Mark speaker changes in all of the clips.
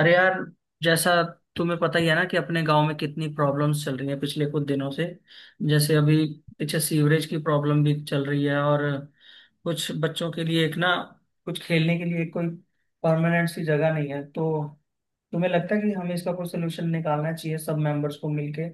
Speaker 1: अरे यार, जैसा तुम्हें पता ही है ना कि अपने गांव में कितनी प्रॉब्लम्स चल रही हैं पिछले कुछ दिनों से। जैसे अभी पीछे सीवरेज की प्रॉब्लम भी चल रही है, और कुछ बच्चों के लिए एक ना कुछ खेलने के लिए कोई परमानेंट सी जगह नहीं है। तो तुम्हें लगता है कि हमें इसका कोई सोल्यूशन निकालना चाहिए सब मेंबर्स को मिलके?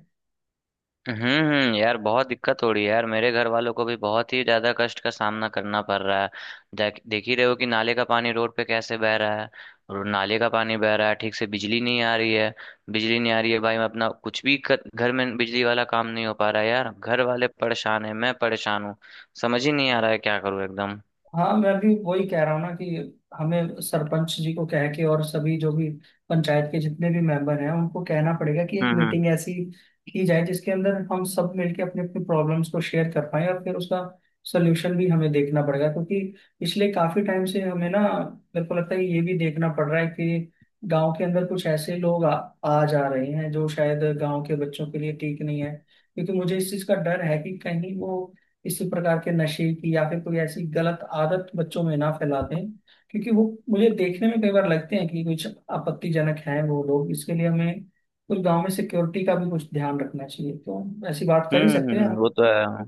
Speaker 2: हम्म। यार बहुत दिक्कत हो रही है यार, मेरे घर वालों को भी बहुत ही ज्यादा कष्ट का सामना करना पड़ रहा है। देख देख ही रहे हो कि नाले का पानी रोड पे कैसे बह रहा है। और नाले का पानी बह रहा है, ठीक से बिजली नहीं आ रही है। बिजली नहीं आ रही है, भाई मैं अपना घर में बिजली वाला काम नहीं हो पा रहा है यार, घर वाले परेशान है, मैं परेशान हूँ। समझ ही नहीं आ रहा है क्या करूँ एकदम।
Speaker 1: हाँ, मैं भी वही कह रहा हूँ ना कि हमें सरपंच जी को कह के और सभी जो भी पंचायत के जितने भी मेंबर हैं उनको कहना पड़ेगा कि एक
Speaker 2: हम्म हम्म
Speaker 1: मीटिंग ऐसी की जाए जिसके अंदर हम सब मिलके अपने अपने प्रॉब्लम्स को शेयर कर पाए, और फिर उसका सोल्यूशन भी हमें देखना पड़ेगा। क्योंकि पिछले काफी टाइम से हमें ना, मेरे को लगता है ये भी देखना पड़ रहा है कि गांव के अंदर कुछ ऐसे लोग आ जा रहे हैं जो शायद गांव के बच्चों के लिए ठीक नहीं है। क्योंकि मुझे इस चीज का डर है कि कहीं वो इसी प्रकार के नशे की या फिर कोई ऐसी गलत आदत बच्चों में ना फैला दें। क्योंकि वो मुझे देखने में कई बार लगते हैं कि कुछ आपत्तिजनक हैं वो लोग। इसके लिए हमें कुछ गांव में सिक्योरिटी का भी कुछ ध्यान रखना चाहिए, तो ऐसी बात कर ही सकते हैं
Speaker 2: हम्म।
Speaker 1: हम।
Speaker 2: वो तो है।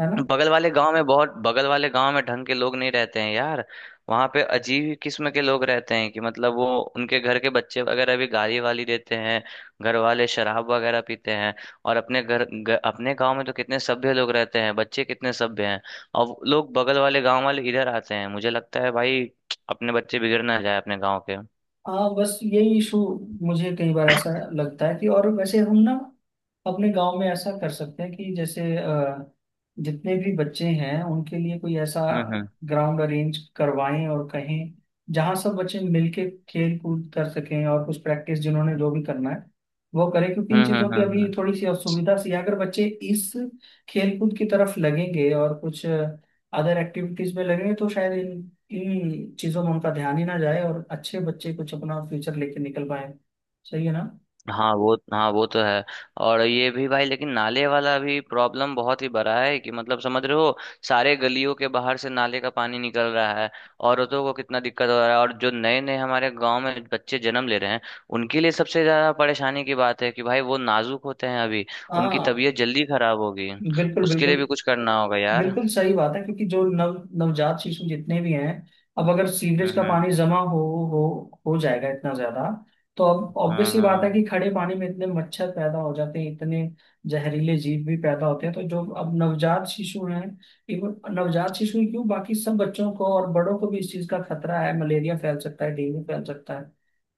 Speaker 1: है ना?
Speaker 2: बगल वाले गांव में ढंग के लोग नहीं रहते हैं यार। वहां पे अजीब ही किस्म के लोग रहते हैं कि मतलब वो उनके घर के बच्चे वगैरह भी गाली वाली देते हैं, घर वाले शराब वगैरह पीते हैं। और अपने गांव में तो कितने सभ्य लोग रहते हैं, बच्चे कितने सभ्य हैं। और वो लोग बगल वाले गांव वाले इधर आते हैं, मुझे लगता है भाई अपने बच्चे बिगड़ ना जाए अपने गांव के।
Speaker 1: हाँ, बस यही इशू मुझे कई बार ऐसा लगता है। कि और वैसे हम ना अपने गांव में ऐसा कर सकते हैं कि जैसे जितने भी बच्चे हैं उनके लिए कोई ऐसा
Speaker 2: हम्म हम्म
Speaker 1: ग्राउंड अरेंज करवाएं और कहें जहां सब बच्चे मिलके खेल कूद कर सकें, और कुछ प्रैक्टिस जिन्होंने जो भी करना है वो करें। क्योंकि इन
Speaker 2: हम्म
Speaker 1: चीज़ों
Speaker 2: हम्म
Speaker 1: की
Speaker 2: हम्म
Speaker 1: अभी
Speaker 2: हम्म।
Speaker 1: थोड़ी सी असुविधा सी है। अगर बच्चे इस खेल कूद की तरफ लगेंगे और कुछ अदर एक्टिविटीज में लगेंगे तो शायद इन इन चीजों में उनका ध्यान ही ना जाए, और अच्छे बच्चे कुछ अपना फ्यूचर लेके निकल पाए। सही है ना?
Speaker 2: हाँ वो तो है। और ये भी भाई, लेकिन नाले वाला भी प्रॉब्लम बहुत ही बड़ा है कि मतलब समझ रहे हो, सारे गलियों के बाहर से नाले का पानी निकल रहा है। औरतों को कितना दिक्कत हो रहा है, और जो नए नए हमारे गांव में बच्चे जन्म ले रहे हैं उनके लिए सबसे ज्यादा परेशानी की बात है कि भाई वो नाजुक होते हैं अभी, उनकी
Speaker 1: हाँ,
Speaker 2: तबीयत जल्दी खराब होगी।
Speaker 1: बिल्कुल
Speaker 2: उसके लिए
Speaker 1: बिल्कुल।
Speaker 2: भी कुछ करना होगा यार।
Speaker 1: बिल्कुल सही बात है, क्योंकि जो नव नवजात शिशु जितने भी हैं, अब अगर सीवरेज
Speaker 2: हम्म
Speaker 1: का
Speaker 2: हम्म
Speaker 1: पानी जमा हो हो जाएगा इतना ज्यादा, तो अब
Speaker 2: हम्म
Speaker 1: ऑब्वियसली बात है
Speaker 2: हम्म
Speaker 1: कि खड़े पानी में इतने मच्छर पैदा हो जाते हैं, इतने जहरीले जीव भी पैदा होते हैं। तो जो अब नवजात शिशु हैं, इवन नवजात शिशु ही क्यों, बाकी सब बच्चों को और बड़ों को भी इस चीज का खतरा है। मलेरिया फैल सकता है, डेंगू फैल सकता है।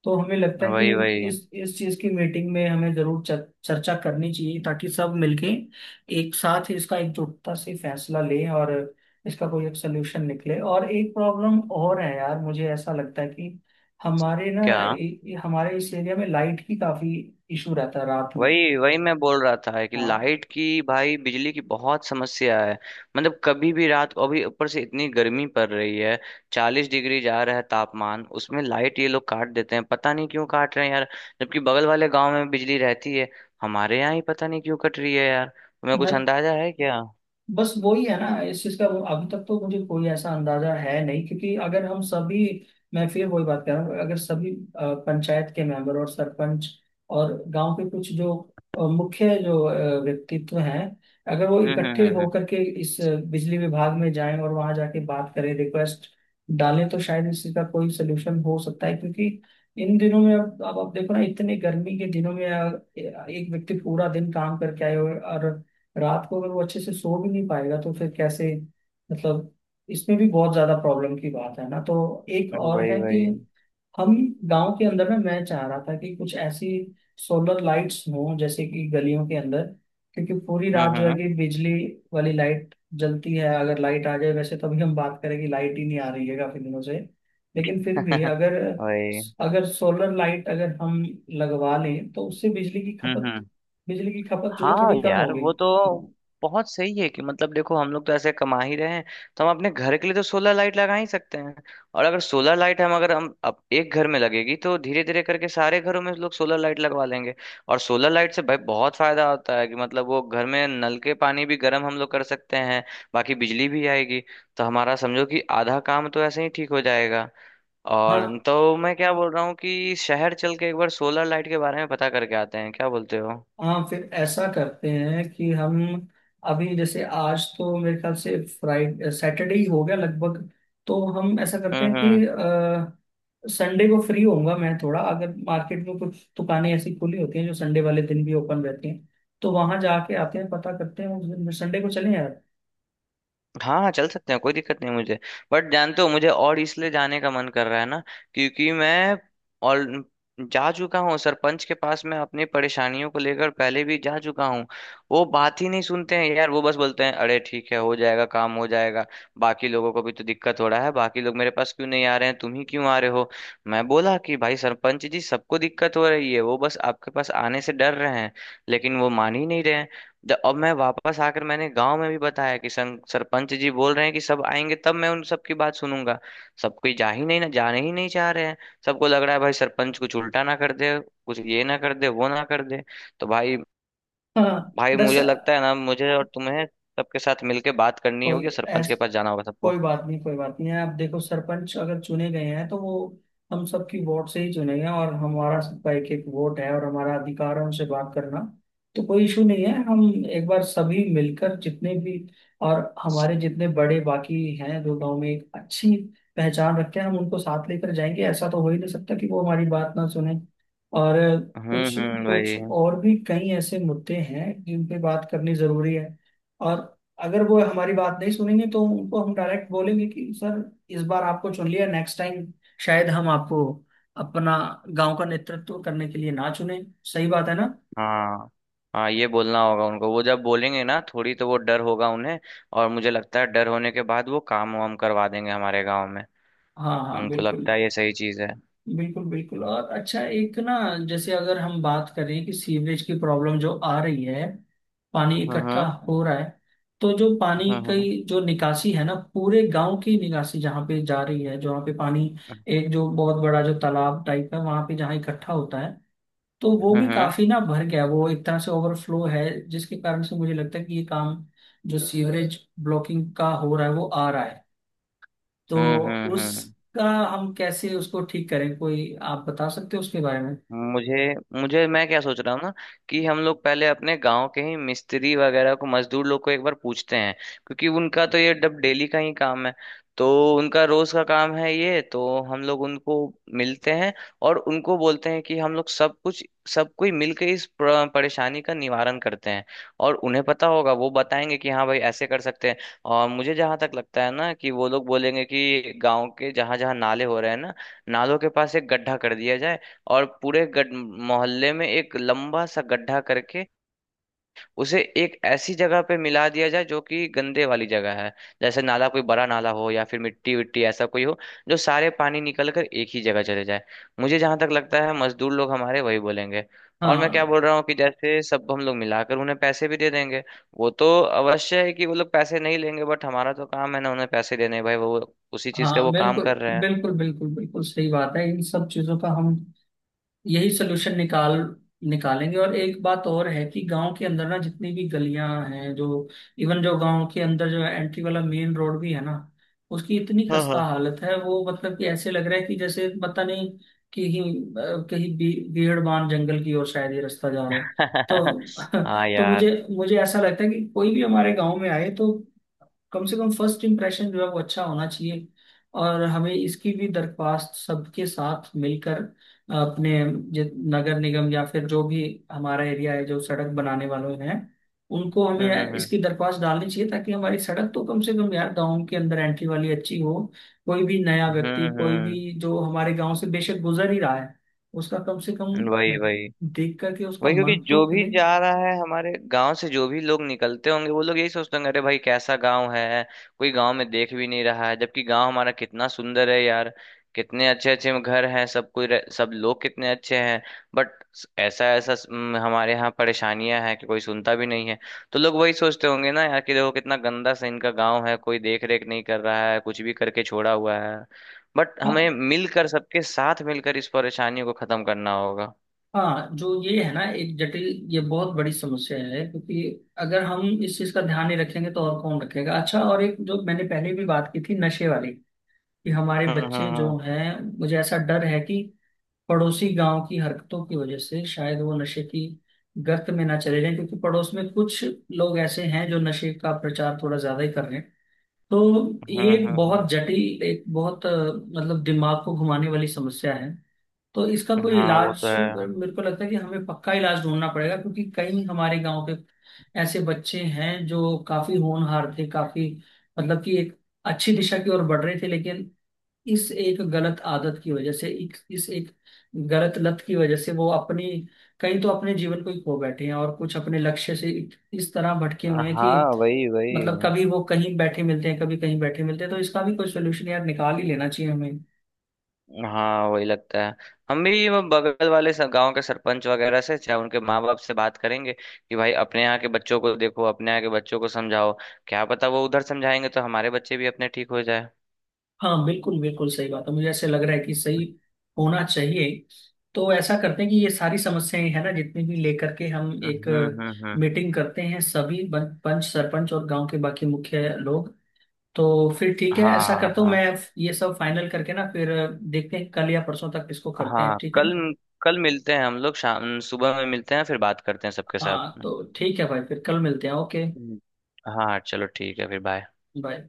Speaker 1: तो हमें लगता है कि
Speaker 2: वही वही।
Speaker 1: इस चीज की मीटिंग में हमें जरूर चर्चा करनी चाहिए, ताकि सब मिलके एक साथ ही इसका एकजुटता से फैसला लें, और इसका कोई एक सोल्यूशन निकले। और एक प्रॉब्लम और है यार, मुझे ऐसा लगता है कि हमारे ना
Speaker 2: क्या?
Speaker 1: हमारे इस एरिया में लाइट की काफी इशू रहता है रात में।
Speaker 2: वही वही, मैं बोल रहा था कि
Speaker 1: हाँ
Speaker 2: लाइट की, भाई बिजली की बहुत समस्या है। मतलब कभी भी रात को, अभी ऊपर से इतनी गर्मी पड़ रही है, 40 डिग्री जा रहा है तापमान, उसमें लाइट ये लोग काट देते हैं, पता नहीं क्यों काट रहे हैं यार। जबकि बगल वाले गांव में बिजली रहती है, हमारे यहाँ ही पता नहीं क्यों कट रही है यार। तुम्हें
Speaker 1: ना,
Speaker 2: कुछ अंदाजा है क्या?
Speaker 1: बस वही है ना, इस चीज का वो अभी तक तो मुझे कोई ऐसा अंदाजा है नहीं। क्योंकि अगर हम सभी, मैं फिर वही बात कर रहा हूँ, अगर सभी पंचायत के मेंबर और सरपंच और गांव के कुछ जो मुख्य जो व्यक्तित्व हैं, अगर वो
Speaker 2: हम्म
Speaker 1: इकट्ठे
Speaker 2: हम्म हम्म
Speaker 1: होकर के इस बिजली विभाग में जाएं और वहां जाके बात करें, रिक्वेस्ट डालें, तो शायद इस चीज का कोई सोल्यूशन हो सकता है। क्योंकि इन दिनों में, अब आप देखो ना, इतने गर्मी के दिनों में एक व्यक्ति पूरा दिन काम करके आए और रात को अगर वो अच्छे से सो भी नहीं पाएगा, तो फिर कैसे, मतलब इसमें भी बहुत ज्यादा प्रॉब्लम की बात है ना। तो एक और
Speaker 2: वही
Speaker 1: है कि
Speaker 2: वही।
Speaker 1: हम गांव के अंदर में, मैं चाह रहा था कि कुछ ऐसी सोलर लाइट्स हों जैसे कि गलियों के अंदर। क्योंकि पूरी रात जो है
Speaker 2: हम्म।
Speaker 1: कि बिजली वाली लाइट जलती है, अगर लाइट आ जाए वैसे, तभी हम बात करें कि लाइट ही नहीं आ रही है काफी दिनों से। लेकिन फिर भी अगर,
Speaker 2: वही।
Speaker 1: अगर सोलर लाइट अगर हम लगवा लें तो उससे
Speaker 2: हम्म।
Speaker 1: बिजली की खपत जो है
Speaker 2: हाँ
Speaker 1: थोड़ी कम
Speaker 2: यार
Speaker 1: होगी।
Speaker 2: वो तो बहुत सही है कि मतलब देखो, हम लोग तो ऐसे कमा ही रहे हैं, तो हम अपने घर के लिए तो सोलर लाइट लगा ही सकते हैं। और अगर सोलर लाइट हम अगर हम अब एक घर में लगेगी तो धीरे धीरे करके सारे घरों में लोग सोलर लाइट लगवा लेंगे। और सोलर लाइट से भाई बहुत फायदा होता है कि मतलब वो घर में नल के पानी भी गर्म हम लोग कर सकते हैं, बाकी बिजली भी आएगी। तो हमारा समझो कि आधा काम तो ऐसे ही ठीक हो जाएगा।
Speaker 1: हाँ,
Speaker 2: और तो मैं क्या बोल रहा हूँ कि शहर चल के एक बार सोलर लाइट के बारे में पता करके आते हैं, क्या बोलते हो?
Speaker 1: हाँ, फिर ऐसा करते हैं कि हम अभी, जैसे आज तो मेरे ख्याल से फ्राइडे सैटरडे ही हो गया लगभग। तो हम ऐसा करते हैं कि
Speaker 2: हम्म।
Speaker 1: संडे को फ्री होऊंगा मैं थोड़ा, अगर मार्केट में कुछ दुकानें ऐसी खुली होती हैं जो संडे वाले दिन भी ओपन रहती हैं तो वहां जाके आते हैं, पता करते हैं। उस दिन संडे को चलें यार।
Speaker 2: हाँ हाँ चल सकते हैं, कोई दिक्कत नहीं मुझे। बट जानते हो मुझे और इसलिए जाने का मन कर रहा है ना, क्योंकि मैं और जा चुका हूँ सरपंच के पास, मैं अपनी परेशानियों को लेकर पहले भी जा चुका हूँ। वो बात ही नहीं सुनते हैं यार, वो बस बोलते हैं अरे ठीक है हो जाएगा, काम हो जाएगा। बाकी लोगों को भी तो दिक्कत हो रहा है, बाकी लोग मेरे पास क्यों नहीं आ रहे हैं, तुम ही क्यों आ रहे हो। मैं बोला कि भाई सरपंच जी सबको दिक्कत हो रही है, वो बस आपके पास आने से डर रहे हैं, लेकिन वो मान ही नहीं रहे हैं। अब मैं वापस आकर मैंने गांव में भी बताया कि सरपंच जी बोल रहे हैं कि सब आएंगे तब मैं उन सबकी बात सुनूंगा। सब कोई जा ही नहीं ना जाने ही नहीं चाह रहे हैं। सबको लग रहा है भाई सरपंच कुछ उल्टा ना कर दे, कुछ ये ना कर दे वो ना कर दे। तो भाई।
Speaker 1: हाँ
Speaker 2: भाई मुझे
Speaker 1: दरअसल,
Speaker 2: लगता है ना, मुझे और तुम्हें सबके साथ मिलके बात करनी होगी
Speaker 1: कोई
Speaker 2: और सरपंच
Speaker 1: ऐस,
Speaker 2: के पास जाना होगा सबको।
Speaker 1: कोई बात नहीं, कोई बात नहीं। आप देखो, सरपंच अगर चुने गए हैं तो वो हम सबकी वोट से ही चुने गए हैं, और हमारा सबका एक एक वोट है, और हमारा अधिकार है उनसे बात करना। तो कोई इशू नहीं है, हम एक बार सभी मिलकर जितने भी, और हमारे जितने बड़े बाकी हैं जो गांव में एक अच्छी पहचान रखते हैं, हम उनको साथ लेकर जाएंगे। ऐसा तो हो ही नहीं सकता कि वो हमारी बात ना सुने। और कुछ
Speaker 2: वही।
Speaker 1: कुछ और भी कई ऐसे मुद्दे हैं जिन पे बात करनी जरूरी है। और अगर वो हमारी बात नहीं सुनेंगे तो उनको हम डायरेक्ट बोलेंगे कि सर, इस बार आपको चुन लिया, नेक्स्ट टाइम शायद हम आपको अपना गांव का नेतृत्व करने के लिए ना चुने। सही बात है ना?
Speaker 2: हाँ हाँ ये बोलना होगा उनको, वो जब बोलेंगे ना थोड़ी, तो वो डर होगा उन्हें। और मुझे लगता है डर होने के बाद वो काम वाम करवा देंगे हमारे गांव में।
Speaker 1: हाँ हाँ,
Speaker 2: उनको
Speaker 1: बिल्कुल
Speaker 2: लगता है ये सही चीज है।
Speaker 1: बिल्कुल बिल्कुल। और अच्छा एक ना, जैसे अगर हम बात करें कि सीवरेज की प्रॉब्लम जो आ रही है, पानी इकट्ठा
Speaker 2: हम्म
Speaker 1: हो रहा है, तो जो पानी
Speaker 2: हम्म हम्म
Speaker 1: की जो निकासी है ना, पूरे गांव की निकासी जहाँ पे जा रही है, जहाँ पे पानी, एक जो बहुत बड़ा जो तालाब टाइप है वहां पे जहाँ इकट्ठा होता है, तो वो
Speaker 2: हम्म
Speaker 1: भी
Speaker 2: हम्म
Speaker 1: काफी ना भर गया, वो एक तरह से ओवरफ्लो है। जिसके कारण से मुझे लगता है कि ये काम जो सीवरेज ब्लॉकिंग का हो रहा है वो आ रहा है। तो
Speaker 2: हम्म।
Speaker 1: उसका, हम कैसे उसको ठीक करें, कोई आप बता सकते हो उसके बारे में?
Speaker 2: मुझे मुझे मैं क्या सोच रहा हूँ ना कि हम लोग पहले अपने गांव के ही मिस्त्री वगैरह को, मजदूर लोग को एक बार पूछते हैं, क्योंकि उनका तो ये डब डेली का ही काम है। तो उनका रोज का काम है ये, तो हम लोग उनको मिलते हैं और उनको बोलते हैं कि हम लोग सब कुछ, सब कोई मिलकर इस परेशानी का निवारण करते हैं। और उन्हें पता होगा, वो बताएंगे कि हाँ भाई ऐसे कर सकते हैं। और मुझे जहां तक लगता है ना कि वो लोग बोलेंगे कि गांव के जहां जहां नाले हो रहे हैं ना, नालों के पास एक गड्ढा कर दिया जाए और पूरे गड मोहल्ले में एक लंबा सा गड्ढा करके उसे एक ऐसी जगह पे मिला दिया जाए जो कि गंदे वाली जगह है, जैसे नाला, कोई बड़ा नाला हो या फिर मिट्टी विट्टी ऐसा कोई हो, जो सारे पानी निकल कर एक ही जगह चले जाए। मुझे जहां तक लगता है मजदूर लोग हमारे वही बोलेंगे। और मैं क्या
Speaker 1: हाँ
Speaker 2: बोल रहा हूँ कि जैसे सब हम लोग मिलाकर उन्हें पैसे भी दे देंगे। वो तो अवश्य है कि वो लोग पैसे नहीं लेंगे, बट हमारा तो काम है ना उन्हें पैसे देने, भाई वो उसी चीज का
Speaker 1: हाँ
Speaker 2: वो काम
Speaker 1: बिल्कुल
Speaker 2: कर रहे हैं।
Speaker 1: बिल्कुल। बिल्कुल बिल्कुल सही बात है, इन सब चीजों का हम यही सोल्यूशन निकालेंगे। और एक बात और है कि गांव के अंदर ना जितनी भी गलियां हैं जो, इवन जो गांव के अंदर जो एंट्री वाला मेन रोड भी है ना, उसकी इतनी
Speaker 2: हाँ
Speaker 1: खस्ता
Speaker 2: हाँ।
Speaker 1: हालत है, वो मतलब कि ऐसे लग रहा है कि जैसे पता नहीं कि कहीं भी, भीड़बान जंगल की ओर शायद ये रास्ता जा रहा है। तो
Speaker 2: हाँ
Speaker 1: तो मुझे
Speaker 2: यार।
Speaker 1: मुझे ऐसा लगता है कि कोई भी हमारे गांव में आए तो कम से कम फर्स्ट इम्प्रेशन जो है वो अच्छा होना चाहिए। और हमें इसकी भी दरख्वास्त सबके साथ मिलकर अपने जि- नगर निगम या फिर जो भी हमारा एरिया है जो सड़क बनाने वाले हैं, उनको
Speaker 2: हम्म
Speaker 1: हमें
Speaker 2: हम्म हम्म।
Speaker 1: इसकी दरख्वास्त डालनी चाहिए, ताकि हमारी सड़क तो कम से कम यार गाँव के अंदर एंट्री वाली अच्छी हो। कोई भी नया व्यक्ति, कोई
Speaker 2: हम्म
Speaker 1: भी जो हमारे गाँव से बेशक गुजर ही रहा है, उसका कम से कम
Speaker 2: वही वही।
Speaker 1: देख करके उसका
Speaker 2: वही, क्योंकि
Speaker 1: मन
Speaker 2: जो
Speaker 1: तो
Speaker 2: भी
Speaker 1: खिले।
Speaker 2: जा रहा है हमारे गांव से, जो भी लोग निकलते होंगे वो लोग यही सोचते होंगे अरे भाई कैसा गांव है, कोई गांव में देख भी नहीं रहा है, जबकि गांव हमारा कितना सुंदर है यार। कितने अच्छे अच्छे घर हैं, सब कोई सब लोग कितने अच्छे हैं। बट ऐसा ऐसा हमारे यहाँ परेशानियां हैं कि कोई सुनता भी नहीं है। तो लोग वही सोचते होंगे ना यार कि देखो कितना गंदा सा इनका गांव है, कोई देख रेख नहीं कर रहा है, कुछ भी करके छोड़ा हुआ है। बट
Speaker 1: हाँ,
Speaker 2: हमें मिलकर, सबके साथ मिलकर इस परेशानी को खत्म करना होगा।
Speaker 1: हाँ जो ये है ना एक जटिल, ये बहुत बड़ी समस्या है। क्योंकि अगर हम इस चीज का ध्यान नहीं रखेंगे तो और कौन रखेगा। अच्छा, और एक जो मैंने पहले भी बात की थी नशे वाली, कि हमारे
Speaker 2: हम्म हम्म
Speaker 1: बच्चे
Speaker 2: हम्म।
Speaker 1: जो हैं, मुझे ऐसा डर है कि पड़ोसी गांव की हरकतों की वजह से शायद वो नशे की गर्त में ना चले जाएं। क्योंकि पड़ोस में कुछ लोग ऐसे हैं जो नशे का प्रचार थोड़ा ज्यादा ही कर रहे हैं। तो
Speaker 2: हम्म
Speaker 1: ये एक
Speaker 2: हम्म हम्म।
Speaker 1: बहुत जटिल, एक बहुत मतलब दिमाग को घुमाने वाली समस्या है। तो इसका कोई
Speaker 2: हाँ वो तो
Speaker 1: इलाज,
Speaker 2: है।
Speaker 1: मेरे को लगता है कि हमें पक्का इलाज ढूंढना पड़ेगा। क्योंकि कई हमारे गांव के ऐसे बच्चे हैं जो काफी होनहार थे, काफी मतलब कि एक अच्छी दिशा की ओर बढ़ रहे थे, लेकिन इस एक गलत आदत की वजह से, इस एक गलत लत की वजह से वो अपनी, कई तो अपने जीवन को ही खो बैठे हैं, और कुछ अपने लक्ष्य से इस तरह भटके हुए हैं कि,
Speaker 2: हाँ वही
Speaker 1: मतलब
Speaker 2: वही।
Speaker 1: कभी वो कहीं बैठे मिलते हैं, कभी कहीं बैठे मिलते हैं। तो इसका भी कोई सोल्यूशन यार निकाल ही लेना चाहिए।
Speaker 2: हाँ वही लगता है। हम भी वो बगल वाले गांव के सरपंच वगैरह से, चाहे उनके माँ बाप से बात करेंगे कि भाई अपने यहाँ के बच्चों को देखो, अपने यहाँ के बच्चों को समझाओ, क्या पता वो उधर समझाएंगे तो हमारे बच्चे भी अपने ठीक हो जाए।
Speaker 1: हाँ बिल्कुल बिल्कुल सही बात है, मुझे ऐसे लग रहा है कि सही होना चाहिए। तो ऐसा करते हैं कि ये सारी समस्याएं है ना जितनी भी, लेकर के हम एक
Speaker 2: हम्म।
Speaker 1: मीटिंग करते हैं सभी पंच सरपंच और गांव के बाकी मुख्य लोग। तो फिर ठीक है,
Speaker 2: हाँ
Speaker 1: ऐसा
Speaker 2: हाँ
Speaker 1: करता हूँ
Speaker 2: हाँ।
Speaker 1: मैं, ये सब फाइनल करके ना, फिर देखते हैं कल या परसों तक इसको करते
Speaker 2: हाँ
Speaker 1: हैं, ठीक है
Speaker 2: कल,
Speaker 1: ना?
Speaker 2: कल मिलते हैं हम लोग, शाम सुबह में मिलते हैं, फिर बात करते हैं सबके साथ
Speaker 1: हाँ
Speaker 2: में।
Speaker 1: तो ठीक है भाई, फिर कल मिलते हैं। ओके,
Speaker 2: हम्म। हाँ चलो ठीक है, फिर बाय।
Speaker 1: बाय।